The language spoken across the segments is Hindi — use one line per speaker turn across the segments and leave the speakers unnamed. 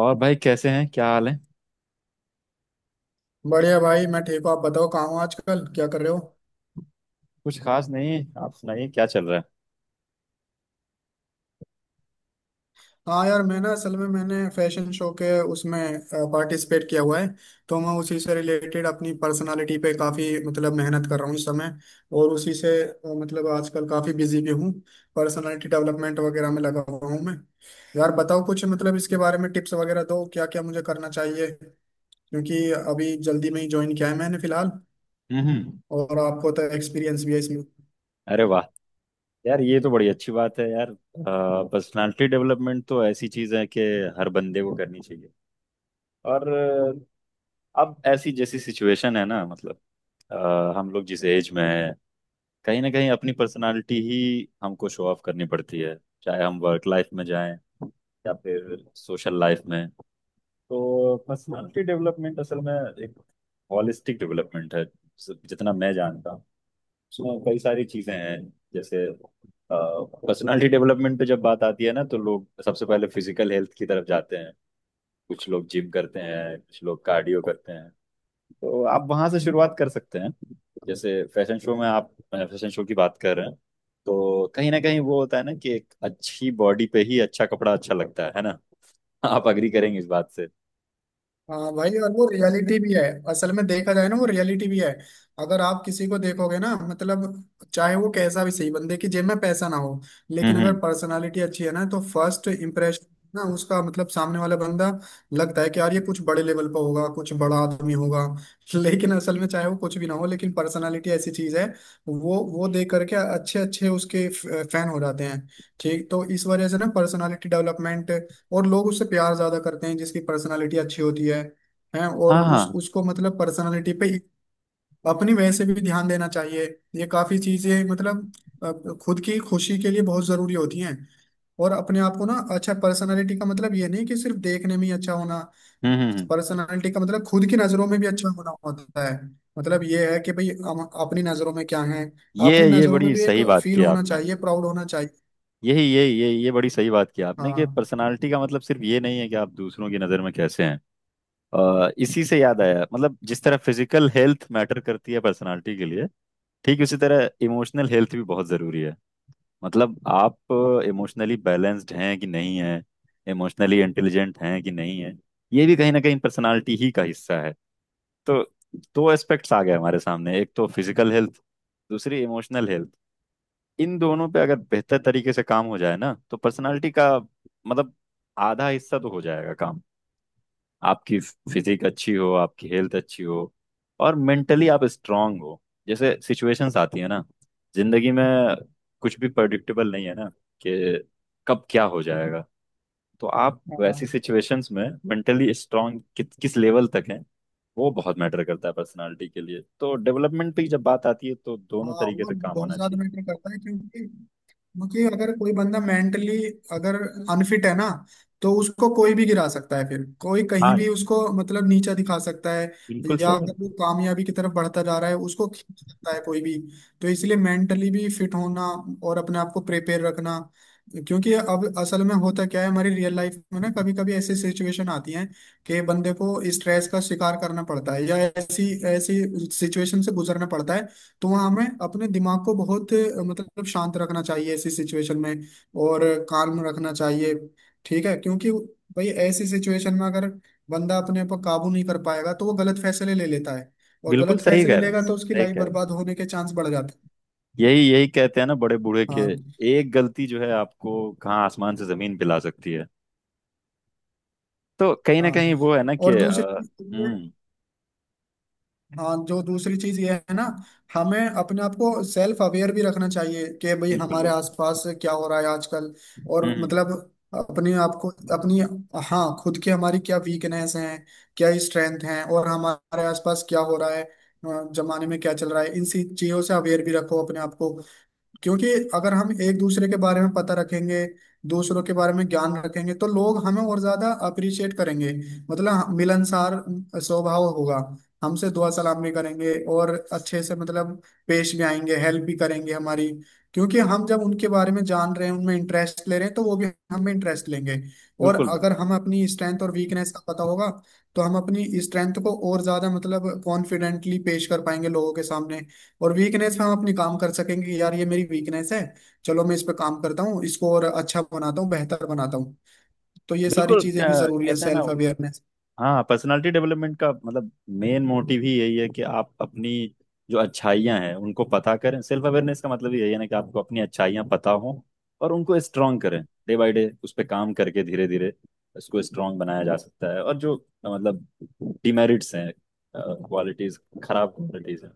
और भाई, कैसे हैं? क्या हाल है?
बढ़िया भाई, मैं ठीक हूँ। आप बताओ कहाँ हो आजकल, क्या कर रहे हो?
कुछ खास नहीं है। आप सुनाइए, क्या चल रहा
हाँ यार, मैं ना असल में मैंने फैशन शो के उसमें पार्टिसिपेट किया हुआ है। तो मैं उसी से रिलेटेड अपनी पर्सनालिटी पे काफ़ी मतलब मेहनत कर रहा हूँ इस समय। और उसी से मतलब आजकल काफ़ी बिजी भी हूँ, पर्सनालिटी डेवलपमेंट वगैरह में लगा हुआ हूँ मैं। यार बताओ कुछ मतलब इसके बारे में टिप्स वगैरह दो, क्या क्या मुझे करना चाहिए, क्योंकि अभी जल्दी में ही ज्वाइन किया है मैंने फिलहाल।
है? हम्म।
और आपको तो एक्सपीरियंस भी है।
अरे वाह! यार, ये तो बड़ी अच्छी बात है यार। पर्सनालिटी डेवलपमेंट तो ऐसी चीज है कि हर बंदे को करनी चाहिए। और अब ऐसी जैसी सिचुएशन है ना, मतलब हम लोग जिस एज में है, कहीं ना कहीं अपनी पर्सनालिटी ही हमको शो ऑफ करनी पड़ती है। चाहे हम वर्क लाइफ में जाएं या फिर सोशल लाइफ में। तो पर्सनालिटी डेवलपमेंट असल में एक हॉलिस्टिक डेवलपमेंट है, जितना मैं जानता हूँ। उसमें कई सारी चीजें हैं। जैसे, पर्सनालिटी डेवलपमेंट पे जब बात आती है ना, तो लोग सबसे पहले फिजिकल हेल्थ की तरफ जाते हैं। कुछ लोग जिम करते हैं, कुछ लोग कार्डियो करते हैं। तो आप वहां से शुरुआत कर सकते हैं। जैसे फैशन शो में, आप फैशन शो की बात कर रहे हैं, तो कहीं ना कहीं वो होता है ना कि एक अच्छी बॉडी पे ही अच्छा कपड़ा अच्छा लगता है ना? आप अग्री करेंगे इस बात से?
हाँ भाई, और वो रियलिटी भी है। असल में देखा जाए ना, वो रियलिटी भी है। अगर आप किसी को देखोगे ना, मतलब चाहे वो कैसा भी सही बंदे की जेब में पैसा ना हो, लेकिन अगर
हम्म।
पर्सनालिटी अच्छी है ना, तो फर्स्ट इम्प्रेशन ना उसका, मतलब सामने वाला बंदा लगता है कि यार ये कुछ बड़े लेवल पर होगा, कुछ बड़ा आदमी होगा। लेकिन असल में चाहे वो कुछ भी ना हो, लेकिन पर्सनालिटी ऐसी चीज है वो देख करके अच्छे अच्छे उसके फैन हो जाते हैं। ठीक, तो इस वजह से ना पर्सनालिटी डेवलपमेंट, और लोग उससे प्यार ज्यादा करते हैं जिसकी पर्सनालिटी अच्छी होती है। हैं, और
हाँ
उस
हाँ।
उसको मतलब पर्सनालिटी पे अपनी वैसे भी ध्यान देना चाहिए। ये काफी चीजें मतलब खुद की खुशी के लिए बहुत जरूरी होती हैं। और अपने आप को ना अच्छा, पर्सनालिटी का मतलब ये नहीं कि सिर्फ देखने में ही अच्छा होना।
हम्म हम्म, हम्म।
पर्सनालिटी का मतलब खुद की नजरों में भी अच्छा होना होता है। मतलब ये है कि भाई हम अपनी नजरों में क्या है।
ये
अपनी
ये
नजरों में
बड़ी
भी एक
सही बात
फील
की
होना
आपने।
चाहिए, प्राउड होना चाहिए।
यही यही ये बड़ी सही बात की आपने कि
हाँ
पर्सनालिटी का मतलब सिर्फ ये नहीं है कि आप दूसरों की नज़र में कैसे हैं। इसी से याद आया, मतलब जिस तरह फिजिकल हेल्थ मैटर करती है पर्सनालिटी के लिए, ठीक उसी तरह इमोशनल हेल्थ भी बहुत ज़रूरी है। मतलब, आप इमोशनली बैलेंस्ड हैं कि नहीं हैं, इमोशनली इंटेलिजेंट हैं कि नहीं हैं, ये भी कहीं ना कहीं पर्सनालिटी ही का हिस्सा है। तो दो एस्पेक्ट्स आ गए हमारे सामने, एक तो फिजिकल हेल्थ, दूसरी इमोशनल हेल्थ। इन दोनों पे अगर बेहतर तरीके से काम हो जाए ना, तो पर्सनालिटी का मतलब आधा हिस्सा तो हो जाएगा काम। आपकी फिजिक अच्छी हो, आपकी हेल्थ अच्छी हो, और मेंटली आप स्ट्रांग हो। जैसे सिचुएशंस आती है ना जिंदगी में, कुछ भी प्रडिक्टेबल नहीं है ना कि कब क्या हो जाएगा। तो आप
हाँ।
वैसी सिचुएशंस में मेंटली स्ट्रांग किस लेवल तक हैं, वो बहुत मैटर करता है पर्सनालिटी के लिए। तो डेवलपमेंट की जब बात आती है तो दोनों
हाँ,
तरीके
वो
से काम
बहुत
होना
ज्यादा
चाहिए।
मैटर करता है, क्योंकि क्योंकि अगर कोई बंदा मेंटली, अगर अनफिट है ना, तो उसको कोई भी गिरा सकता है, फिर कोई कहीं
हाँ,
भी उसको मतलब नीचा दिखा सकता है।
बिल्कुल
या
सही
अगर वो
बात।
कामयाबी की तरफ बढ़ता जा रहा है, उसको खींच सकता है कोई भी। तो इसलिए मेंटली भी फिट होना और अपने आप को प्रिपेयर रखना। क्योंकि अब असल में होता क्या है हमारी रियल लाइफ में ना, कभी कभी ऐसी सिचुएशन आती है कि बंदे को स्ट्रेस का शिकार करना पड़ता है या ऐसी ऐसी सिचुएशन से गुजरना पड़ता है। तो हाँ, हमें अपने दिमाग को बहुत मतलब शांत रखना चाहिए ऐसी सिचुएशन में, और काम रखना चाहिए। ठीक है, क्योंकि भाई ऐसी सिचुएशन में अगर बंदा अपने ऊपर काबू नहीं कर पाएगा तो वो गलत फैसले ले लेता है। और
बिल्कुल
गलत
सही
फैसले
कह रहे हैं,
लेगा तो उसकी
सही
लाइफ
कह रहे हैं।
बर्बाद होने के चांस बढ़ जाते हैं।
यही यही कहते हैं ना बड़े बूढ़े के,
हाँ
एक गलती जो है आपको कहाँ आसमान से जमीन पिला सकती है। तो कहीं ना
हाँ।
कहीं वो है ना कि
और दूसरी चीज़ ये है,
हम्म।
हाँ जो दूसरी चीज ये है ना, हमें अपने आप को सेल्फ अवेयर भी रखना चाहिए कि भाई
बिल्कुल
हमारे
बिल्कुल।
आसपास क्या हो रहा है आजकल। और
हम्म,
मतलब अपने आप को, अपनी, हाँ खुद की हमारी क्या वीकनेस हैं, क्या स्ट्रेंथ हैं, और हमारे आसपास क्या हो रहा है, जमाने में क्या चल रहा है, इन सी चीजों से अवेयर भी रखो अपने आप को। क्योंकि अगर हम एक दूसरे के बारे में पता रखेंगे, दूसरों के बारे में ज्ञान रखेंगे, तो लोग हमें और ज्यादा अप्रिशिएट करेंगे। मतलब मिलनसार स्वभाव होगा, हमसे दुआ सलाम भी करेंगे और अच्छे से मतलब पेश भी आएंगे, हेल्प भी करेंगे हमारी, क्योंकि हम जब उनके बारे में जान रहे हैं, उनमें इंटरेस्ट ले रहे हैं, तो वो भी हमें इंटरेस्ट लेंगे। और
बिल्कुल बिल्कुल
अगर हम अपनी स्ट्रेंथ और वीकनेस का पता होगा, तो हम अपनी स्ट्रेंथ को और ज्यादा मतलब कॉन्फिडेंटली पेश कर पाएंगे लोगों के सामने। और वीकनेस पे हम अपनी काम कर सकेंगे कि यार ये मेरी वीकनेस है, चलो मैं इस पे काम करता हूँ, इसको और अच्छा बनाता हूँ, बेहतर बनाता हूँ। तो ये सारी
बिल्कुल।
चीजें भी जरूरी है,
कहते हैं ना,
सेल्फ अवेयरनेस।
हाँ, पर्सनालिटी डेवलपमेंट का मतलब, मेन मोटिव ही यही है कि आप अपनी जो अच्छाइयाँ हैं उनको पता करें। सेल्फ अवेयरनेस का मतलब ही यही है ना कि आपको अपनी अच्छाइयाँ पता हों और उनको स्ट्रांग करें। डे बाय डे उस पर काम करके धीरे धीरे इसको स्ट्रांग बनाया जा सकता है। और जो, मतलब, डिमेरिट्स हैं, क्वालिटीज, खराब क्वालिटीज हैं,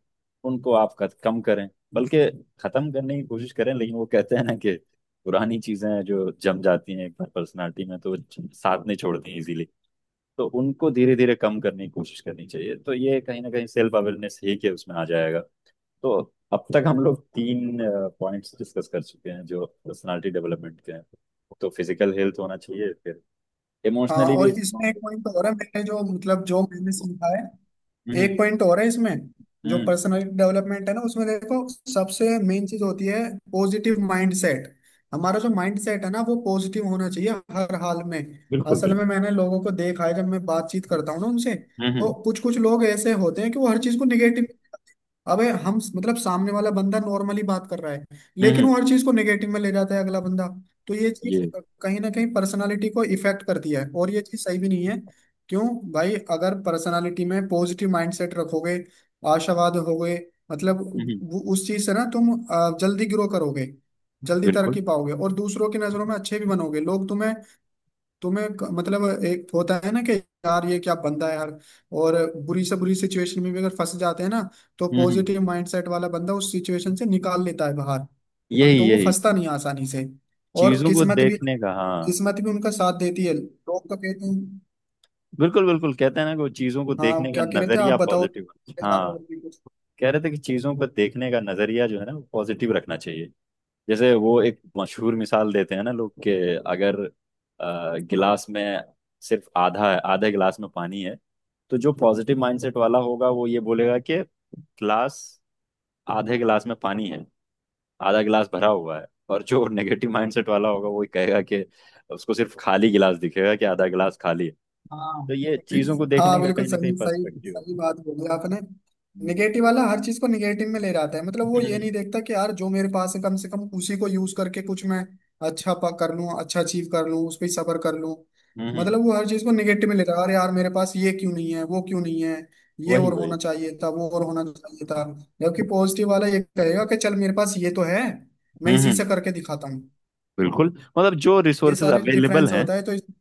उनको आप कम करें, बल्कि खत्म करने की कोशिश करें। लेकिन वो कहते हैं ना कि पुरानी चीजें जो जम जाती हैं एक बार पर्सनालिटी में, तो वो साथ नहीं छोड़ती इजीली। तो उनको धीरे धीरे कम करने की कोशिश करनी चाहिए। तो ये कहीं ना कहीं सेल्फ अवेयरनेस ही के उसमें आ जाएगा। तो अब तक हम लोग तीन पॉइंट्स डिस्कस कर चुके हैं जो पर्सनालिटी डेवलपमेंट के हैं। तो फिजिकल हेल्थ होना चाहिए, फिर
हाँ
इमोशनली भी
और
इसको।
इसमें एक पॉइंट और है, मैंने जो मतलब जो मैंने सीखा है,
हम्म
एक पॉइंट और है इसमें। जो
हम्म।
पर्सनालिटी डेवलपमेंट है ना, उसमें देखो सबसे मेन चीज होती है पॉजिटिव माइंड सेट। हमारा जो माइंड सेट है ना, वो पॉजिटिव होना चाहिए हर हाल में।
बिल्कुल
असल
बिल्कुल।
में मैंने लोगों को देखा है, जब मैं बातचीत करता हूँ ना उनसे, तो
हम्म,
कुछ कुछ लोग ऐसे होते हैं कि वो हर चीज को निगेटिव, अबे हम मतलब सामने वाला बंदा नॉर्मली बात कर रहा है,
हम्म,
लेकिन
हम्म,
वो हर चीज को नेगेटिव में ले जाता है अगला बंदा। तो ये चीज
ये।
कहीं ना कहीं पर्सनालिटी को इफेक्ट करती है, और ये चीज सही भी नहीं है। क्यों? भाई अगर पर्सनालिटी में पॉजिटिव माइंडसेट रखोगे, आशावाद होगे, मतलब
हम्म हम्म,
उस चीज से ना तुम जल्दी ग्रो करोगे, जल्दी
बिल्कुल।
तरक्की पाओगे और दूसरों की नजरों में अच्छे भी बनोगे। लोग तुम्हें, मतलब एक होता है ना कि यार ये क्या बंदा है यार। और बुरी से बुरी सिचुएशन में भी अगर फंस जाते हैं ना, तो
हम्म हम्म, हम्म,
पॉजिटिव माइंडसेट वाला बंदा उस सिचुएशन से निकाल लेता है बाहर। हाँ
यही
तो वो
यही।
फंसता नहीं आसानी से। और
चीजों को
किस्मत भी,
देखने का, हाँ।
किस्मत भी उनका साथ देती है, लोग तो कहते हैं।
बिल्कुल बिल्कुल। कहते हैं ना कि वो चीजों को
हाँ,
देखने का
क्या कह रहे थे आप?
नजरिया
बताओ
पॉजिटिव।
इसके अलावा
हाँ,
और भी कुछ।
कह रहे थे कि चीजों को देखने का नजरिया जो है ना वो पॉजिटिव रखना चाहिए। जैसे वो एक मशहूर मिसाल देते हैं ना लोग के, अगर गिलास में सिर्फ आधा है, आधे गिलास में पानी है, तो जो पॉजिटिव माइंडसेट वाला होगा वो ये बोलेगा कि गिलास, आधे गिलास में पानी है, आधा गिलास भरा हुआ है। और जो नेगेटिव माइंडसेट वाला होगा वो कहेगा कि, उसको सिर्फ खाली गिलास दिखेगा कि आधा गिलास खाली है। तो ये
हाँ
चीजों को
हाँ,
देखने का
बिल्कुल
कहीं ना कहीं
सही सही
पर्सपेक्टिव है।
सही बात बोली आपने।
हम्म
निगेटिव वाला हर चीज को निगेटिव में ले जाता है, मतलब वो ये नहीं
हम्म।
देखता कि यार जो मेरे पास है कम से कम उसी को यूज करके कुछ मैं अच्छा पा कर लूँ, अच्छा अचीव कर लूँ, उस पर सबर कर लूँ।
हम्म,
मतलब वो हर चीज को निगेटिव में ले रहा है, अरे यार मेरे पास ये क्यों नहीं है, वो क्यों नहीं है, ये
वही
और होना
वही।
चाहिए था, वो और होना चाहिए था। जबकि पॉजिटिव वाला ये कहेगा कि चल मेरे पास ये तो है, मैं इसी से
हम्म।
करके दिखाता हूँ।
बिल्कुल। मतलब, जो
ये
रिसोर्सेज
सारे
अवेलेबल
डिफरेंस
हैं,
होता है, तो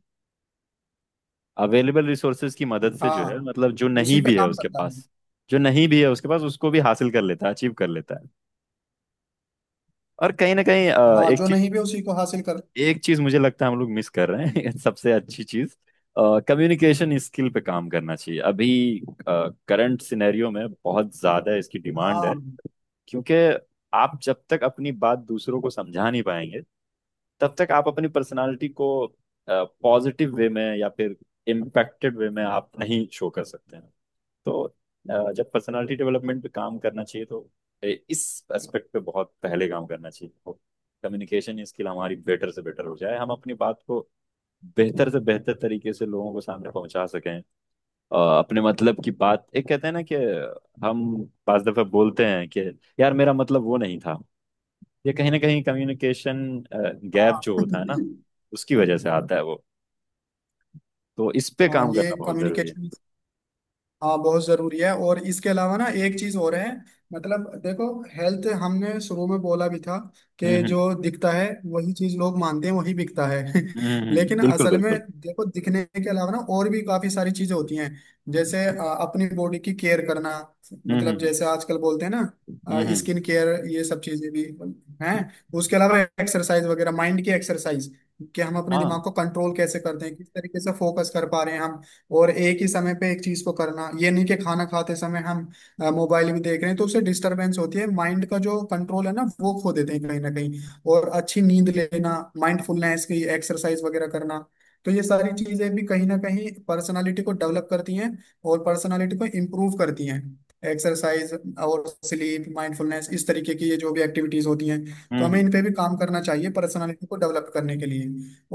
अवेलेबल रिसोर्सेज की मदद से जो है,
हाँ
मतलब जो
उसी
नहीं
पे
भी है
काम
उसके
करता है।
पास, जो नहीं भी है उसके पास उसको भी हासिल कर लेता है, अचीव कर लेता है। और कहीं ना कहीं
हाँ
एक
जो
चीज,
नहीं भी उसी को हासिल कर।
एक चीज मुझे लगता है हम लोग मिस कर रहे हैं सबसे अच्छी चीज, कम्युनिकेशन स्किल पे काम करना चाहिए। अभी करंट सिनेरियो में बहुत ज्यादा इसकी डिमांड है।
हाँ।
क्योंकि आप जब तक अपनी बात दूसरों को समझा नहीं पाएंगे, तब तक आप अपनी पर्सनालिटी को पॉजिटिव वे में या फिर इम्पैक्टेड वे में आप नहीं शो कर सकते हैं। तो जब पर्सनालिटी डेवलपमेंट पे काम करना चाहिए, तो इस एस्पेक्ट पे बहुत पहले काम करना चाहिए। कम्युनिकेशन स्किल हमारी बेटर से बेटर हो जाए, हम अपनी बात को बेहतर से बेहतर तरीके से लोगों को सामने पहुंचा सकें। अपने मतलब की बात, एक कहते हैं ना कि हम पांच दफे बोलते हैं कि यार, मेरा मतलब वो नहीं था। ये कहीं ना कहीं कम्युनिकेशन गैप
हाँ
जो होता है ना, उसकी वजह से आता है वो। तो इस पे
हाँ
काम
ये
करना बहुत जरूरी है।
कम्युनिकेशन। हाँ बहुत जरूरी है, और इसके अलावा ना एक चीज और है, मतलब देखो हेल्थ हमने शुरू में बोला भी था
हम्म
कि
हम्म
जो दिखता है वही चीज लोग मानते हैं, वही बिकता है। लेकिन
बिल्कुल
असल में
बिल्कुल।
देखो, दिखने के अलावा ना और भी काफी सारी चीजें होती हैं, जैसे अपनी बॉडी की केयर करना।
हम्म
मतलब
हम्म
जैसे आजकल बोलते हैं ना,
हम्म हम्म,
स्किन केयर, ये सब चीजें भी हैं। उसके अलावा एक्सरसाइज वगैरह, माइंड की एक्सरसाइज, कि हम अपने
हाँ
दिमाग को कंट्रोल कैसे करते हैं, किस तरीके से फोकस कर पा रहे हैं हम। और एक ही समय पे एक चीज को करना, ये नहीं कि खाना खाते समय हम मोबाइल भी देख रहे हैं, तो उससे डिस्टरबेंस होती है, माइंड का जो कंट्रोल है ना वो खो देते हैं कहीं ना कहीं। और अच्छी नींद लेना, माइंडफुलनेस की एक्सरसाइज वगैरह करना, तो ये सारी चीजें भी कहीं ना कहीं पर्सनालिटी को डेवलप करती हैं, और पर्सनालिटी को इम्प्रूव करती हैं। एक्सरसाइज और स्लीप, माइंडफुलनेस, इस तरीके की ये जो भी एक्टिविटीज होती हैं, तो हमें
हम्म।
इन पे भी काम करना चाहिए पर्सनालिटी को डेवलप करने के लिए।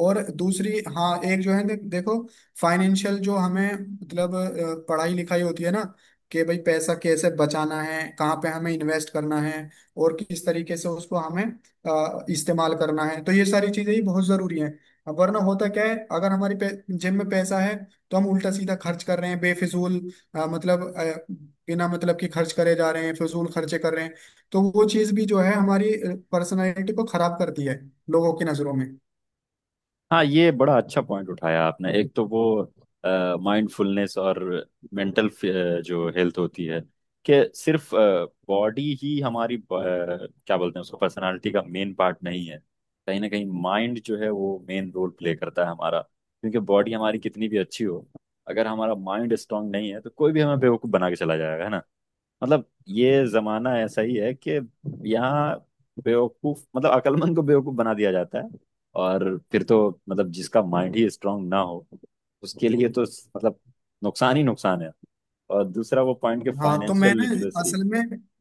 और दूसरी, हाँ एक जो है, देखो फाइनेंशियल जो हमें मतलब पढ़ाई लिखाई होती है ना, कि भाई पैसा कैसे बचाना है, कहाँ पे हमें इन्वेस्ट करना है, और किस तरीके से उसको हमें इस्तेमाल करना है, तो ये सारी चीजें ही बहुत जरूरी हैं। अब वरना होता क्या है, अगर हमारी जेब में पैसा है तो हम उल्टा सीधा खर्च कर रहे हैं बेफिजूल, मतलब बिना मतलब कि खर्च करे जा रहे हैं, फिजूल खर्चे कर रहे हैं। तो वो चीज भी जो है हमारी पर्सनालिटी को खराब करती है लोगों की नजरों में।
हाँ, ये बड़ा अच्छा पॉइंट उठाया आपने, एक तो वो माइंडफुलनेस और मेंटल जो हेल्थ होती है, कि सिर्फ बॉडी ही हमारी क्या बोलते हैं, उसको पर्सनालिटी का मेन पार्ट नहीं है। कहीं ना कहीं माइंड जो है वो मेन रोल प्ले करता है हमारा, क्योंकि बॉडी हमारी कितनी भी अच्छी हो, अगर हमारा माइंड स्ट्रांग नहीं है तो कोई भी हमें बेवकूफ बना के चला जाएगा, है ना? मतलब, ये जमाना ऐसा ही है कि यहाँ बेवकूफ, मतलब अकलमंद को बेवकूफ बना दिया जाता है। और फिर तो, मतलब, जिसका माइंड ही स्ट्रांग ना हो उसके लिए तो, मतलब, नुकसान ही नुकसान है। और दूसरा वो पॉइंट, के
हाँ तो
फाइनेंशियल
मैंने,
लिटरेसी।
असल में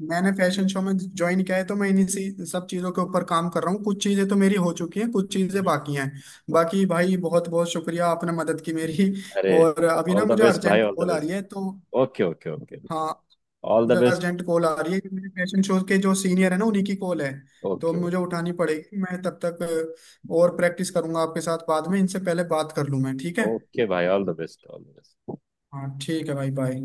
मैंने फैशन शो में ज्वाइन किया है, तो मैं इन्हीं सी सब चीज़ों के ऊपर काम कर रहा हूँ, कुछ चीज़ें तो मेरी हो चुकी हैं, कुछ चीज़ें
हम्म।
बाकी हैं। बाकी भाई बहुत बहुत शुक्रिया, आपने मदद की मेरी।
अरे,
और अभी
ऑल
ना
द
मुझे
बेस्ट भाई,
अर्जेंट
ऑल द
कॉल आ रही
बेस्ट।
है, तो।
Okay okay okay.
हाँ,
ऑल
मुझे
द बेस्ट।
अर्जेंट कॉल आ रही है, कि मेरे फैशन शो के जो सीनियर है ना, उन्हीं की कॉल है, तो
ओके ओके।
मुझे उठानी पड़ेगी। मैं तब तक और प्रैक्टिस करूंगा आपके साथ बाद में, इनसे पहले बात कर लूँ मैं, ठीक है?
ओके भाई, all the best all the best.
हाँ ठीक है भाई, बाय।